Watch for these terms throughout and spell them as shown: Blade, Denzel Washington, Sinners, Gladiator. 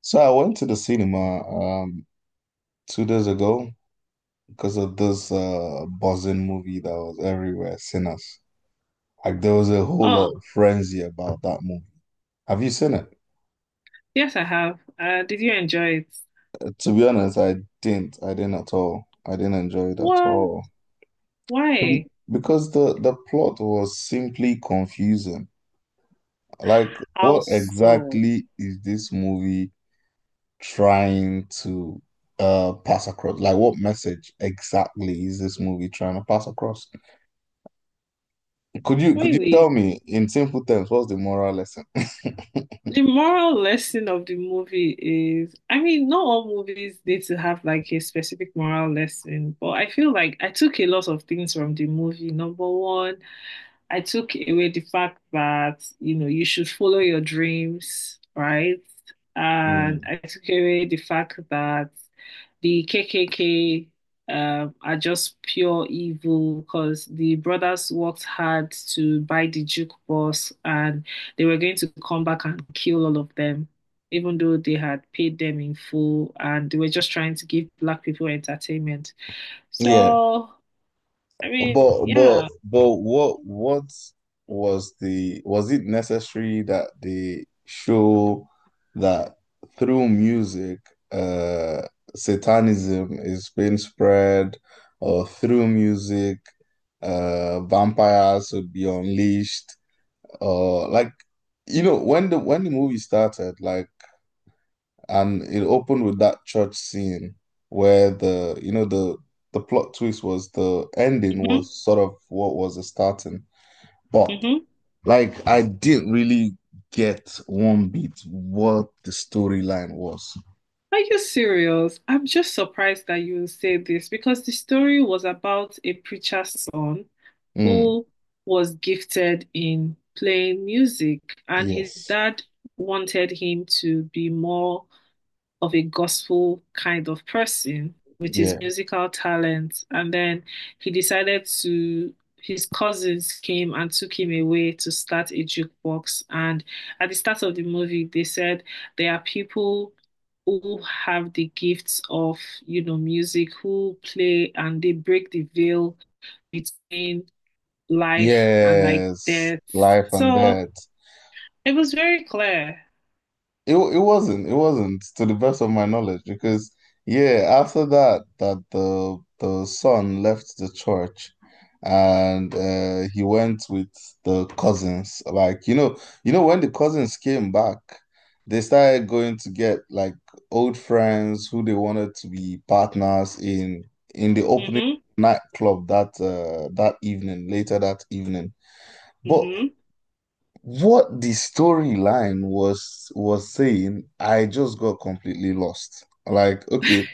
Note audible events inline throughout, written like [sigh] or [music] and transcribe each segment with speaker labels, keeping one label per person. Speaker 1: So I went to the cinema 2 days ago because of this buzzing movie that was everywhere, Sinners. Like there was a whole
Speaker 2: Oh,
Speaker 1: lot of frenzy about that movie. Have you seen it?
Speaker 2: yes, I have. Did you enjoy it?
Speaker 1: To be honest, I didn't. I didn't at all. I didn't enjoy it at
Speaker 2: What?
Speaker 1: all. The-
Speaker 2: Why?
Speaker 1: Because the plot was simply confusing. Like
Speaker 2: How
Speaker 1: what
Speaker 2: so?
Speaker 1: exactly is this movie trying to pass across? Like what message exactly is this movie trying to pass across? Could you tell
Speaker 2: Really?
Speaker 1: me in simple terms what's the moral lesson? [laughs]
Speaker 2: The moral lesson of the movie is, I mean, not all movies need to have like a specific moral lesson, but I feel like I took a lot of things from the movie. Number one, I took away the fact that, you know, you should follow your dreams, right? And
Speaker 1: Mm.
Speaker 2: I took away the fact that the KKK are just pure evil because the brothers worked hard to buy the jukebox and they were going to come back and kill all of them, even though they had paid them in full and they were just trying to give black people entertainment.
Speaker 1: Yeah,
Speaker 2: So, I mean,
Speaker 1: but but
Speaker 2: yeah.
Speaker 1: but what was the, was it necessary that they show that through music uh satanism is being spread, or through music vampires would be unleashed? Or like, you know, when the movie started, like, and it opened with that church scene where the, you know, the plot twist was the ending was
Speaker 2: hmm
Speaker 1: sort of what was the starting. But
Speaker 2: hmm
Speaker 1: like I didn't really get one bit what the storyline was.
Speaker 2: Are you serious? I'm just surprised that you say this because the story was about a preacher's son
Speaker 1: Mm,
Speaker 2: who was gifted in playing music, and his
Speaker 1: yes.
Speaker 2: dad wanted him to be more of a gospel kind of person with his
Speaker 1: Yeah.
Speaker 2: musical talent. And then he decided to, his cousins came and took him away to start a jukebox. And at the start of the movie, they said there are people who have the gifts of, you know, music, who play and they break the veil between life and like
Speaker 1: Yes.
Speaker 2: death.
Speaker 1: Life and
Speaker 2: So
Speaker 1: death.
Speaker 2: it was very clear.
Speaker 1: It wasn't. It wasn't, to the best of my knowledge, because yeah, after that the son left the church and he went with the cousins. Like, you know when the cousins came back, they started going to get like old friends who they wanted to be partners in the opening
Speaker 2: Mm-hmm.
Speaker 1: nightclub that that evening, later that evening. But
Speaker 2: Mm-hmm.
Speaker 1: what the storyline was saying, I just got completely lost. Like, okay,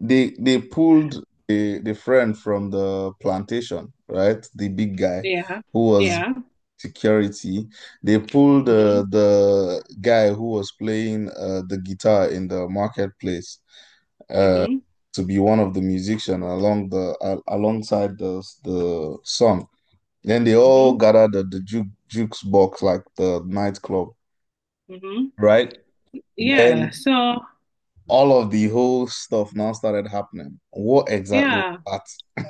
Speaker 1: they pulled the friend from the plantation, right? The big guy
Speaker 2: Yeah.
Speaker 1: who was
Speaker 2: Yeah.
Speaker 1: security. They pulled
Speaker 2: Mm-hmm.
Speaker 1: the guy who was playing the guitar in the marketplace uh,
Speaker 2: hmm
Speaker 1: to be one of the musicians along the al alongside the song. Then they all
Speaker 2: hmm
Speaker 1: gathered at the jukes box, like the nightclub,
Speaker 2: hmm
Speaker 1: right?
Speaker 2: Yeah,
Speaker 1: Then
Speaker 2: so
Speaker 1: all of the whole stuff now started happening. What exactly was
Speaker 2: yeah.
Speaker 1: that?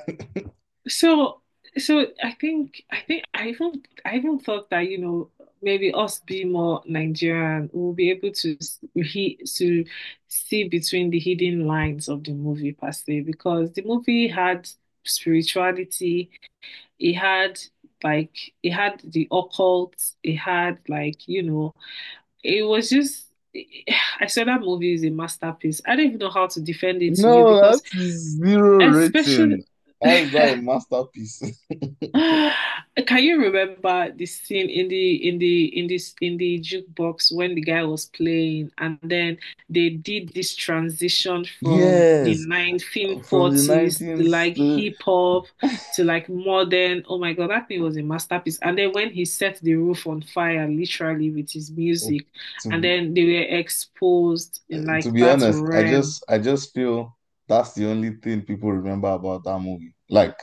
Speaker 2: So so I think I even thought that, you know, maybe us being more Nigerian, we'll be able to s- he to see between the hidden lines of the movie per se, because the movie had spirituality, it had like it had the occult, it had like, you know, it was just, I said that movie is a masterpiece. I don't even know how to defend it to you
Speaker 1: No, that
Speaker 2: because,
Speaker 1: is zero
Speaker 2: especially,
Speaker 1: rating.
Speaker 2: [laughs]
Speaker 1: How is that a masterpiece? [laughs]
Speaker 2: can you remember the scene in the in the in this in the jukebox when the guy was playing and then they did this transition from the
Speaker 1: Yes, from the
Speaker 2: 1940s to
Speaker 1: 19th
Speaker 2: like hip hop to like modern. Oh my God, that thing was a masterpiece. And then when he set the roof on fire literally with his music
Speaker 1: to
Speaker 2: and
Speaker 1: be
Speaker 2: then they were exposed in like
Speaker 1: To be
Speaker 2: that
Speaker 1: honest,
Speaker 2: realm.
Speaker 1: I just feel that's the only thing people remember about that movie. Like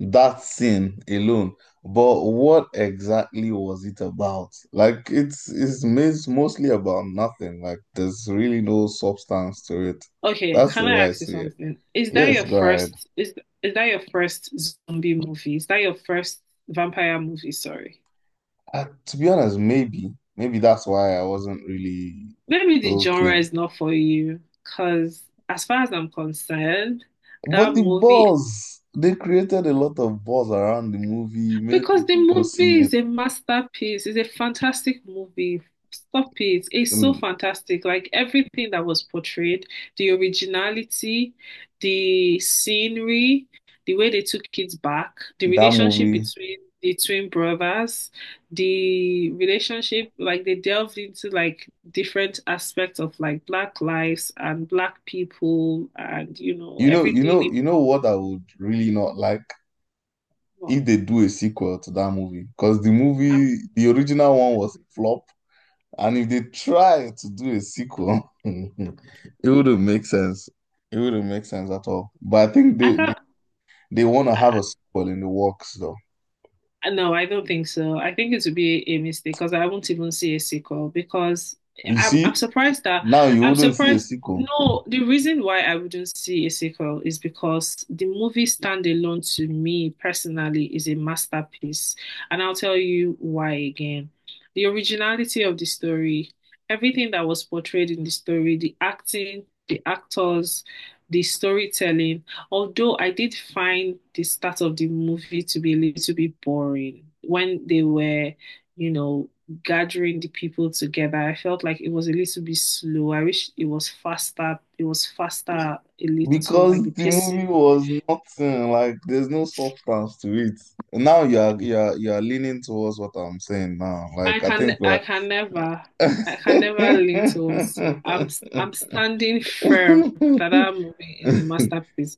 Speaker 1: that scene alone. But what exactly was it about? Like it's mostly about nothing. Like there's really no substance to it.
Speaker 2: Okay,
Speaker 1: That's
Speaker 2: can
Speaker 1: the
Speaker 2: I
Speaker 1: way I
Speaker 2: ask you
Speaker 1: see it.
Speaker 2: something?
Speaker 1: Yes, go ahead.
Speaker 2: Is that your first zombie movie? Is that your first vampire movie? Sorry.
Speaker 1: To be honest, maybe that's why I wasn't really
Speaker 2: Maybe the
Speaker 1: so
Speaker 2: genre
Speaker 1: keen.
Speaker 2: is not for you, because as far as I'm concerned,
Speaker 1: But
Speaker 2: that
Speaker 1: the
Speaker 2: movie,
Speaker 1: buzz, they created a lot of buzz around the movie, made
Speaker 2: because the
Speaker 1: people go
Speaker 2: movie
Speaker 1: see
Speaker 2: is a masterpiece, it's a fantastic movie. Stop it. It's so
Speaker 1: it.
Speaker 2: fantastic. Like everything that was portrayed, the originality, the scenery, the way they took kids back, the
Speaker 1: That
Speaker 2: relationship
Speaker 1: movie,
Speaker 2: between the twin brothers, the relationship, like they delved into like different aspects of like black lives and black people and you know
Speaker 1: you know, you
Speaker 2: everything.
Speaker 1: know,
Speaker 2: In-
Speaker 1: you know what I would really not like if they do a sequel to that movie, because the movie, the original one was a flop, and if they try to do a sequel, [laughs] it wouldn't make sense. It wouldn't make sense at all. But I think
Speaker 2: I can't.
Speaker 1: they want to have a sequel in the works, though.
Speaker 2: No, I don't think so. I think it would be a mistake because I won't even see a sequel because
Speaker 1: You
Speaker 2: I'm
Speaker 1: see,
Speaker 2: surprised that
Speaker 1: now you
Speaker 2: I'm
Speaker 1: wouldn't see a
Speaker 2: surprised.
Speaker 1: sequel.
Speaker 2: No, the reason why I wouldn't see a sequel is because the movie standalone to me personally is a masterpiece, and I'll tell you why again. The originality of the story, everything that was portrayed in the story, the acting, the actors, the storytelling. Although I did find the start of the movie to be a little bit boring when they were, you know, gathering the people together, I felt like it was a little bit slow. I wish it was faster. It was faster a little, like
Speaker 1: Because
Speaker 2: the
Speaker 1: the movie
Speaker 2: pacing.
Speaker 1: was nothing, like there's no substance to it. Now you are leaning towards what I'm saying now.
Speaker 2: I
Speaker 1: Like I
Speaker 2: can,
Speaker 1: think
Speaker 2: I
Speaker 1: we're
Speaker 2: can never,
Speaker 1: [laughs]
Speaker 2: I can never lean towards you. I'm standing firm that that movie is a masterpiece.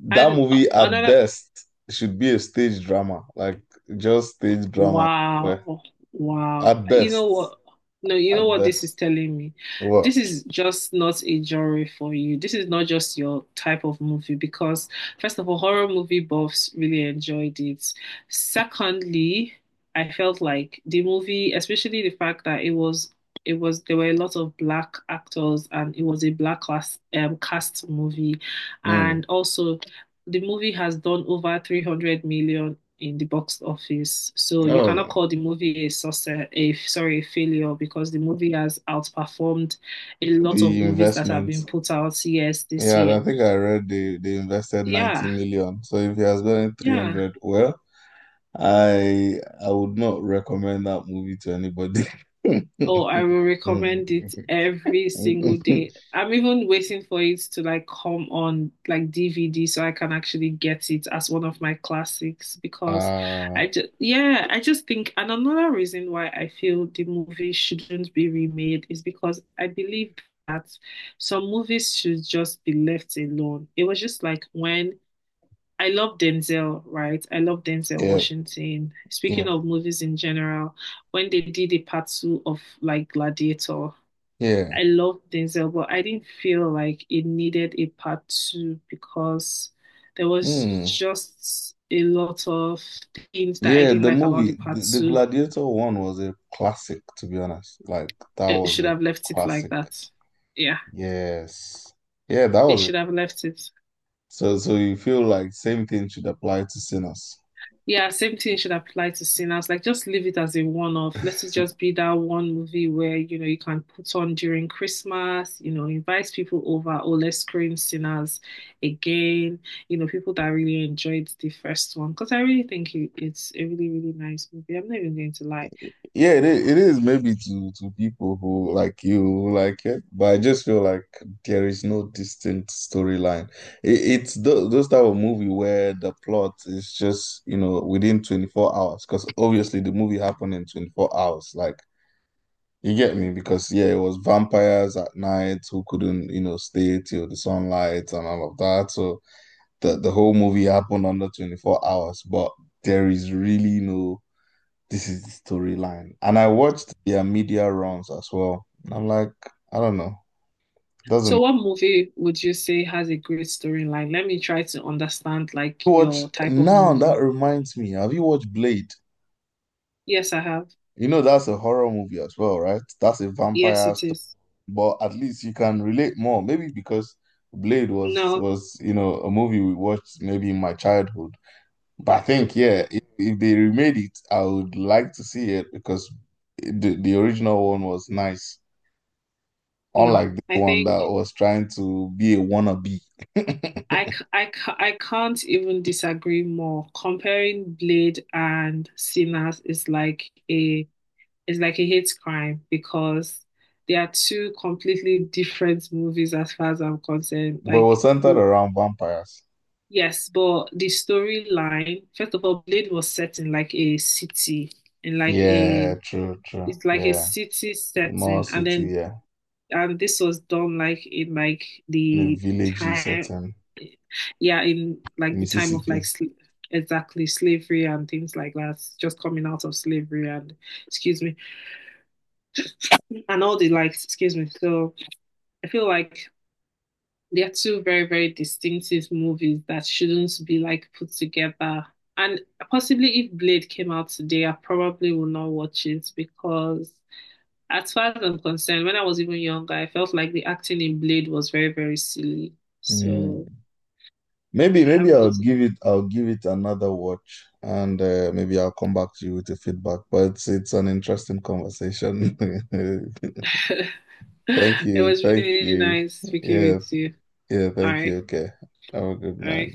Speaker 1: that
Speaker 2: And
Speaker 1: movie at
Speaker 2: another
Speaker 1: best should be a stage drama, like just stage drama. Yeah.
Speaker 2: wow. Wow.
Speaker 1: At
Speaker 2: You know
Speaker 1: best,
Speaker 2: what? No, you know
Speaker 1: at
Speaker 2: what this is
Speaker 1: best.
Speaker 2: telling me?
Speaker 1: What?
Speaker 2: This is just not a genre for you. This is not just your type of movie because, first of all, horror movie buffs really enjoyed it. Secondly, I felt like the movie, especially the fact that it was there were a lot of black actors and it was a black class cast movie. And
Speaker 1: Hmm.
Speaker 2: also the movie has done over 300 million in the box office. So you
Speaker 1: Oh
Speaker 2: cannot
Speaker 1: no.
Speaker 2: call the movie a success, a sorry, a failure because the movie has outperformed a lot of
Speaker 1: The
Speaker 2: movies that have
Speaker 1: investment.
Speaker 2: been put out yes this
Speaker 1: Yeah, and I
Speaker 2: year.
Speaker 1: think I read they invested 90
Speaker 2: Yeah,
Speaker 1: million. So if he has gone in
Speaker 2: yeah.
Speaker 1: 300, well, I I would not recommend that movie to anybody.
Speaker 2: Oh, I
Speaker 1: [laughs]
Speaker 2: will recommend it every single day. I'm even waiting for it to like come on like DVD so I can actually get it as one of my classics because
Speaker 1: Uh,
Speaker 2: I just yeah, I just think and another reason why I feel the movie shouldn't be remade is because I believe that some movies should just be left alone. It was just like when I love Denzel, right? I love Denzel
Speaker 1: yeah,
Speaker 2: Washington.
Speaker 1: yeah,
Speaker 2: Speaking of movies in general, when they did the part two of like Gladiator, I
Speaker 1: yeah.
Speaker 2: love Denzel, but I didn't feel like it needed a part two because there was
Speaker 1: Hmm.
Speaker 2: just a lot of things that I
Speaker 1: Yeah,
Speaker 2: didn't
Speaker 1: the
Speaker 2: like about the
Speaker 1: movie, the,
Speaker 2: part
Speaker 1: the
Speaker 2: two.
Speaker 1: Gladiator one was a classic, to be honest. Like that
Speaker 2: It
Speaker 1: was
Speaker 2: should
Speaker 1: a
Speaker 2: have left it like
Speaker 1: classic.
Speaker 2: that. Yeah,
Speaker 1: Yes. Yeah, that
Speaker 2: they
Speaker 1: was it.
Speaker 2: should have left it.
Speaker 1: So so you feel like same thing should apply to Sinners.
Speaker 2: Yeah, same thing should apply to Sinners. Like, just leave it as a one-off. Let it just be that one movie where, you know, you can put on during Christmas, you know, invite people over, or let's screen Sinners again. You know, people that really enjoyed the first one. Because I really think it, it's a really, really nice movie. I'm not even going to lie.
Speaker 1: Yeah, it is maybe to people who like you, who like it, but I just feel like there is no distinct storyline. It, it's th those type of movie where the plot is just, you know, within 24 hours, because obviously the movie happened in 24 hours. Like, you get me? Because yeah, it was vampires at night who couldn't, you know, stay till the sunlight and all of that. So the whole movie happened under 24 hours, but there is really no this is the storyline. And I watched their media runs as well. And I'm like, I don't know.
Speaker 2: So,
Speaker 1: Doesn't
Speaker 2: what movie would you say has a great storyline? Let me try to understand, like,
Speaker 1: watch
Speaker 2: your type of
Speaker 1: now
Speaker 2: movie.
Speaker 1: that reminds me. Have you watched Blade?
Speaker 2: Yes, I have.
Speaker 1: You know that's a horror movie as well, right? That's a
Speaker 2: Yes,
Speaker 1: vampire
Speaker 2: it
Speaker 1: story.
Speaker 2: is.
Speaker 1: But at least you can relate more. Maybe because Blade was
Speaker 2: No,
Speaker 1: was, you know, a movie we watched maybe in my childhood. But I think, yeah,
Speaker 2: mm,
Speaker 1: if they remade it, I would like to see it because the original one was nice.
Speaker 2: no.
Speaker 1: Unlike this
Speaker 2: I
Speaker 1: one
Speaker 2: think.
Speaker 1: that was trying to be a wannabe, [laughs] but
Speaker 2: I can't even disagree more. Comparing Blade and Sinners is like a hate crime because they are two completely different movies as far as I'm concerned. Like
Speaker 1: was centered
Speaker 2: w-
Speaker 1: around vampires.
Speaker 2: yes, but the storyline, first of all, Blade was set in like a city, in like
Speaker 1: Yeah,
Speaker 2: a
Speaker 1: true, true.
Speaker 2: it's like a
Speaker 1: Yeah,
Speaker 2: city
Speaker 1: small
Speaker 2: setting, and
Speaker 1: city,
Speaker 2: then
Speaker 1: yeah,
Speaker 2: and this was done like in like
Speaker 1: in a
Speaker 2: the
Speaker 1: villagey
Speaker 2: time
Speaker 1: setting,
Speaker 2: yeah, in like the time of
Speaker 1: Mississippi.
Speaker 2: like sl exactly slavery and things like that, just coming out of slavery and excuse me, and all the like, excuse me. So I feel like they're two very, very distinctive movies that shouldn't be like put together. And possibly if Blade came out today, I probably will not watch it because as far as I'm concerned, when I was even younger, I felt like the acting in Blade was very, very silly.
Speaker 1: Mm.
Speaker 2: So
Speaker 1: Maybe,
Speaker 2: I
Speaker 1: maybe
Speaker 2: wouldn't
Speaker 1: I'll give it another watch, and maybe I'll come back to you with a feedback. But it's an interesting conversation. [laughs]
Speaker 2: [laughs] [laughs]
Speaker 1: Thank
Speaker 2: it
Speaker 1: you,
Speaker 2: was really,
Speaker 1: thank
Speaker 2: really
Speaker 1: you.
Speaker 2: nice speaking
Speaker 1: Yeah,
Speaker 2: with you.
Speaker 1: yeah,
Speaker 2: All
Speaker 1: thank
Speaker 2: right.
Speaker 1: you. Okay, have a good
Speaker 2: All
Speaker 1: night.
Speaker 2: right.